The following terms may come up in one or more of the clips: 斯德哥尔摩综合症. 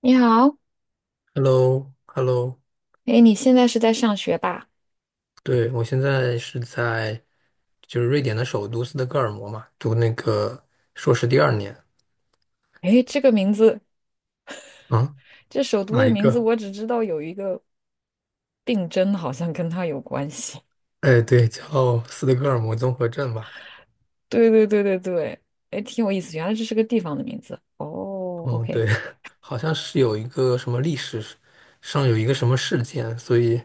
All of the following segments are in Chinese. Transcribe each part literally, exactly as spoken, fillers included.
你好，h e l l o h e l l o。 哎，你现在是在上学吧？对，我现在是在就是瑞典的首都斯德哥尔摩嘛，读那个硕士第二年。哎，这个名字，啊，这首都哪的一哦名字，个？我只知道有一个病征，好像跟他有关系。哎，对，叫斯德哥尔摩综合症吧。对对对对对，哎，挺有意思，原来这是个地方的名字。哦哦，，OK，对，好像是有一个什么历史上有一个什么事件，所以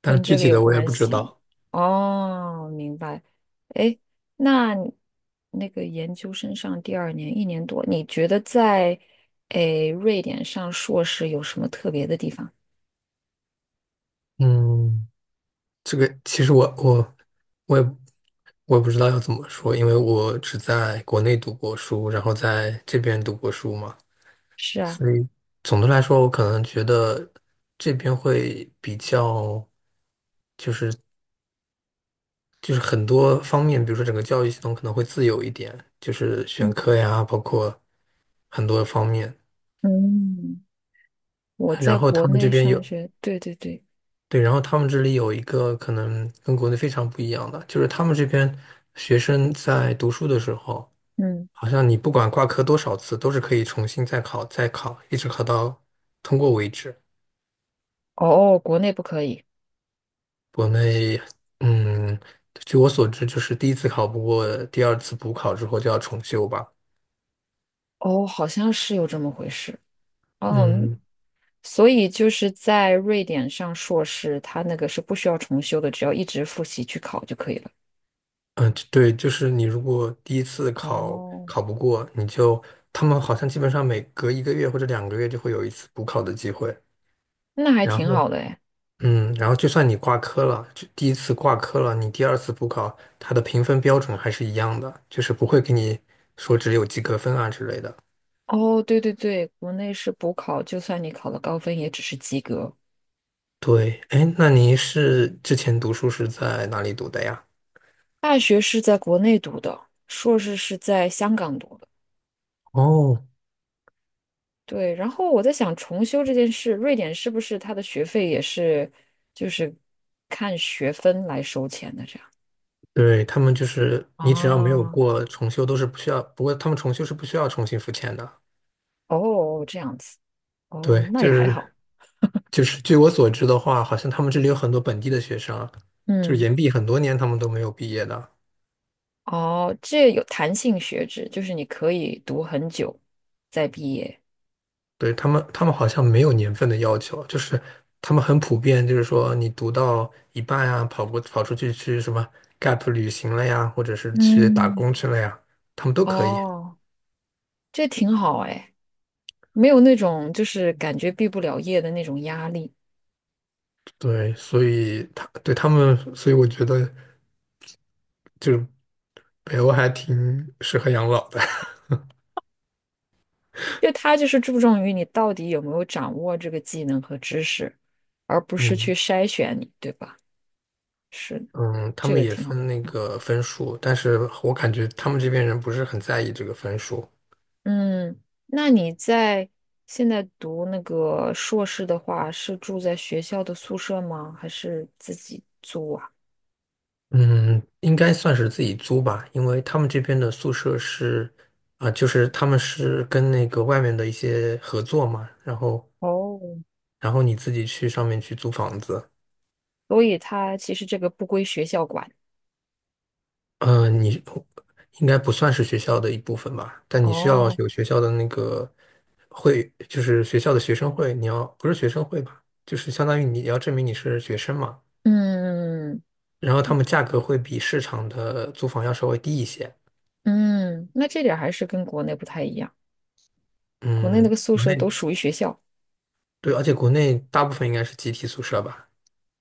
但跟具这个体有的我也关不知系。道。哦，明白。哎，那你那个研究生上第二年一年多，你觉得在哎瑞典上硕士有什么特别的地方？嗯，这个其实我我我也我也不知道要怎么说，因为我只在国内读过书，然后在这边读过书嘛。是啊，所以总的来说，我可能觉得这边会比较，就是就是很多方面，比如说整个教育系统可能会自由一点，就是选课呀，包括很多方面。嗯嗯我在然后国他们这内边上有，学，对对对，对，然后他们这里有一个可能跟国内非常不一样的，就是他们这边学生在读书的时候，嗯，好像你不管挂科多少次，都是可以重新再考，再考，一直考到通过为止。哦，国内不可以，国内，嗯，据我所知，就是第一次考不过，第二次补考之后就要重修吧。哦，好像是有这么回事，嗯，嗯所以就是在瑞典上硕士，他那个是不需要重修的，只要一直复习去考就可以了。嗯，呃对，就是你如果第一次考哦，考不过，你就他们好像基本上每隔一个月或者两个月就会有一次补考的机会。那还然挺后，好的哎。嗯，然后就算你挂科了，就第一次挂科了，你第二次补考，它的评分标准还是一样的，就是不会给你说只有及格分啊之类的。哦，对对对，国内是补考，就算你考了高分，也只是及格。对，哎，那您是之前读书是在哪里读的呀？大学是在国内读的，硕士是在香港读。的。哦，对，然后我在想重修这件事，瑞典是不是它的学费也是就是看学分来收钱的这样？对，他们就是你只要没有啊，过重修都是不需要，不过他们重修是不需要重新付钱的。哦，这样子，哦，对，那就也还好，是就是据我所知的话，好像他们这里有很多本地的学生啊，就是嗯，延毕很多年他们都没有毕业的。哦，这有弹性学制，就是你可以读很久再毕业，对，他们，他们好像没有年份的要求，就是他们很普遍，就是说你读到一半啊，跑过跑出去去什么 gap 旅行了呀，或者是去打嗯，工去了呀，他们都可以。哦，这挺好哎，没有那种就是感觉毕不了业的那种压力。对，所以他对他们，所以我觉得。就北欧还挺适合养老的。就他就是注重于你到底有没有掌握这个技能和知识，而不是去嗯筛选你，对吧？是的，嗯，他这们个也挺好。分那个分数，但是我感觉他们这边人不是很在意这个分数。嗯，那你在现在读那个硕士的话，是住在学校的宿舍吗？还是自己租啊？嗯，应该算是自己租吧，因为他们这边的宿舍是啊、就是他们是跟那个外面的一些合作嘛，然后哦，然后你自己去上面去租房子。所以他其实这个不归学校管。呃，你应该不算是学校的一部分吧？但你需要哦，有学校的那个会，就是学校的学生会，你要不是学生会吧，就是相当于你要证明你是学生嘛。嗯然后他们价格会比市场的租房要稍微低一些。嗯，那这点儿还是跟国内不太一样。国内那嗯，个宿国舍内都属于学校。对，而且国内大部分应该是集体宿舍吧？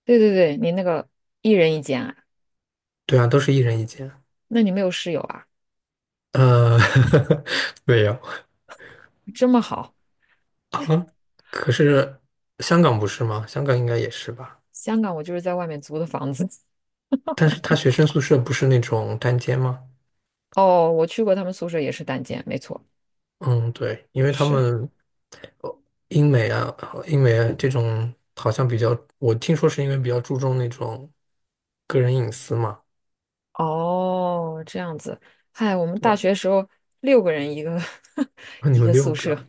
对对对，你那个一人一间啊。对啊，都是一人一间。那你没有室友啊？呃，没有这么好，啊，可是香港不是吗？香港应该也是吧？香港我就是在外面租的房子。但是他学生宿舍不是那种单间吗？哦，我去过他们宿舍，也是单间，没错，嗯，对，因为他是。们呃英美啊，英美啊这种好像比较，我听说是因为比较注重那种个人隐私嘛。哦，这样子。嗨，我们大学时候六个人一个 那你一们个六宿个，舍，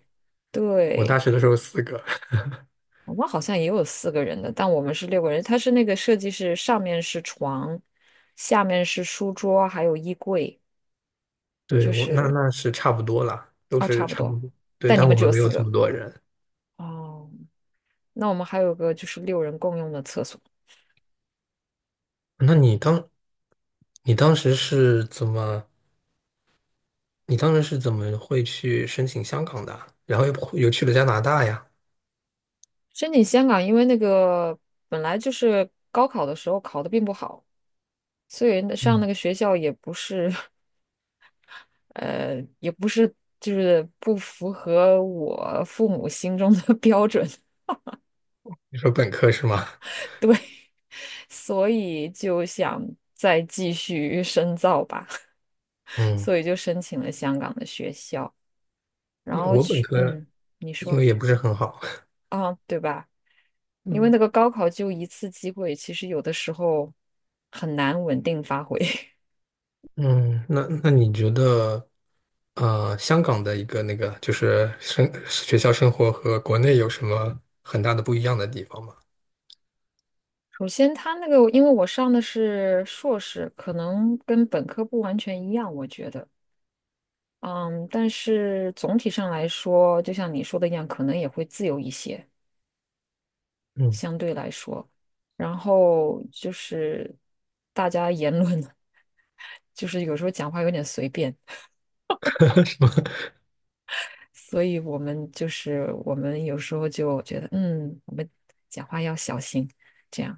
我对，大学的时候四个，我们好像也有四个人的，但我们是六个人。它是那个设计是上面是床，下面是书桌，还有衣柜，对，就我那是那是差不多啦，都哦，是差不差不多。多。对，但你但们我只们有没四有这个么多人。哦，那我们还有个就是六人共用的厕所。那你当，你当时是怎么，你当时是怎么会去申请香港的啊，然后又跑又去了加拿大呀？申请香港，因为那个本来就是高考的时候考的并不好，所以那上那嗯，个学校也不是 呃，也不是就是不符合我父母心中的 标准，你说本科是吗？对，所以就想再继续深造吧，嗯，所以就申请了香港的学校，然后我本去，科嗯，你因说为也不是很好。啊，对吧？因为嗯那个高考就一次机会，其实有的时候很难稳定发挥。嗯，那那你觉得，呃，香港的一个那个就是生学校生活和国内有什么很大的不一样的地方吗？首先，他那个，因为我上的是硕士，可能跟本科不完全一样，我觉得，嗯，但是总体上来说，就像你说的一样，可能也会自由一些，嗯，相对来说。然后就是大家言论，就是有时候讲话有点随便，什么？所以我们就是我们有时候就觉得，嗯，我们讲话要小心，这样。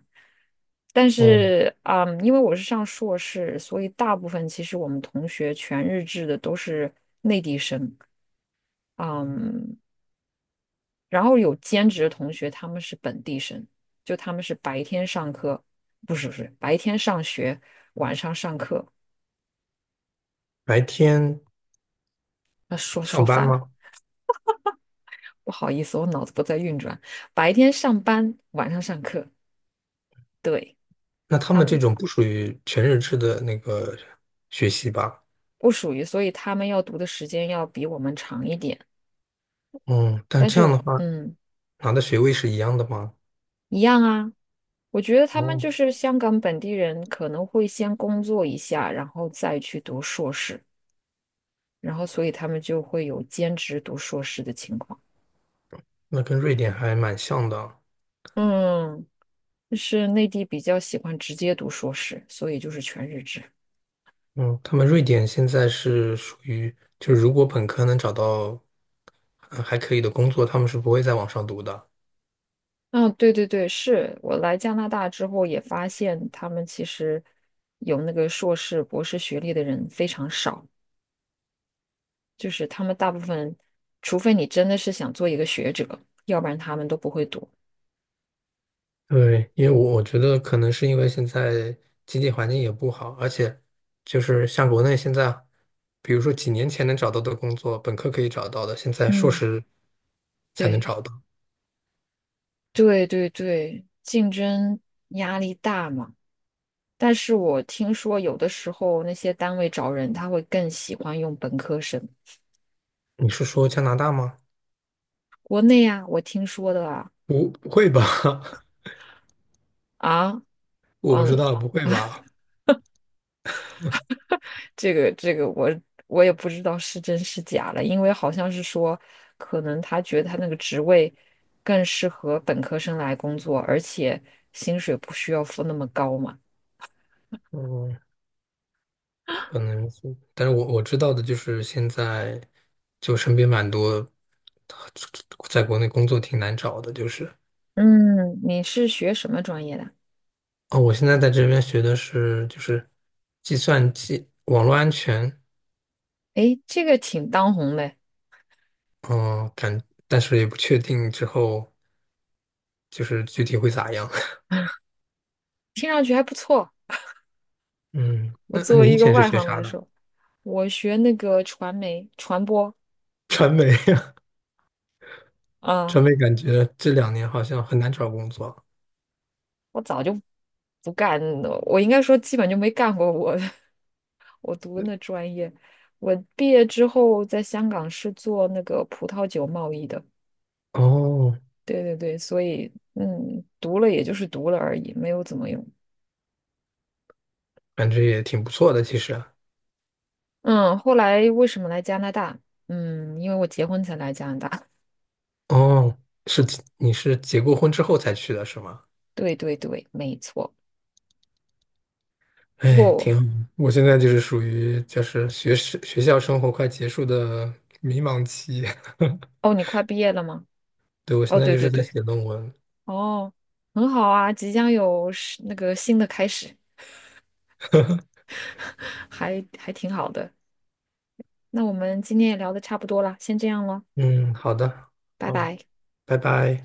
但嗯，是，嗯，因为我是上硕士，所以大部分其实我们同学全日制的都是内地生，嗯，然后有兼职的同学他们是本地生，就他们是白天上课，不是不是白天上学，晚上上课。白天那说说上班反了，吗？不好意思，我脑子不在运转。白天上班，晚上上课，对，那他他们这们种不属于全日制的那个学习吧？不属于，所以他们要读的时间要比我们长一点。嗯，但但这是，样的话嗯，拿的学位是一样的吗？一样啊。我觉得他们哦，就是香港本地人，可能会先工作一下，然后再去读硕士，然后所以他们就会有兼职读硕士的情况。那跟瑞典还蛮像的啊。嗯，就是内地比较喜欢直接读硕士，所以就是全日制。嗯，他们瑞典现在是属于，就是如果本科能找到呃还可以的工作，他们是不会再往上读的。嗯，对对对，是我来加拿大之后也发现，他们其实有那个硕士、博士学历的人非常少。就是他们大部分，除非你真的是想做一个学者，要不然他们都不会读。对，因为我我觉得可能是因为现在经济环境也不好，而且就是像国内现在，比如说几年前能找到的工作，本科可以找到的，现在硕嗯士才能对找到。对对对，竞争压力大嘛。但是我听说有的时候那些单位找人，他会更喜欢用本科生。你是说加拿大吗？国内啊，我听说的啊，不，不会吧？啊，我不知嗯，道，不会吧？这个这个我我也不知道是真是假了，因为好像是说，可能他觉得他那个职位更适合本科生来工作，而且薪水不需要付那么高嘛。嗯。可能是，但是我我知道的就是现在，就身边蛮多，在国内工作挺难找的，就是嗯，你是学什么专业的？哦，我现在在这边学的是就是计算机网络安全，诶，这个挺当红的，嗯、感，但是也不确定之后就是具体会咋样。听上去还不错。嗯，我那那作为你以一个前是外学行啥来的？说，我学那个传媒传播，传媒，啊、传媒感觉这两年好像很难找工作。我早就不干，我应该说基本就没干过我 的我读的那专业，我毕业之后在香港是做那个葡萄酒贸易的。哦，对对对，所以嗯，读了也就是读了而已，没有怎么用。感觉也挺不错的，其实。嗯，后来为什么来加拿大？嗯，因为我结婚才来加拿大。哦，是你是结过婚之后才去的是吗？对对对，没错。不哎，过挺好。我现在就是属于就是学生学校生活快结束的迷茫期，哦，你快毕业了吗？对，我哦，现在对就对是在对，写论文。哦，很好啊，即将有是那个新的开始，还还挺好的。那我们今天也聊的差不多了，先这样了，嗯，好的，拜哦，拜。拜拜。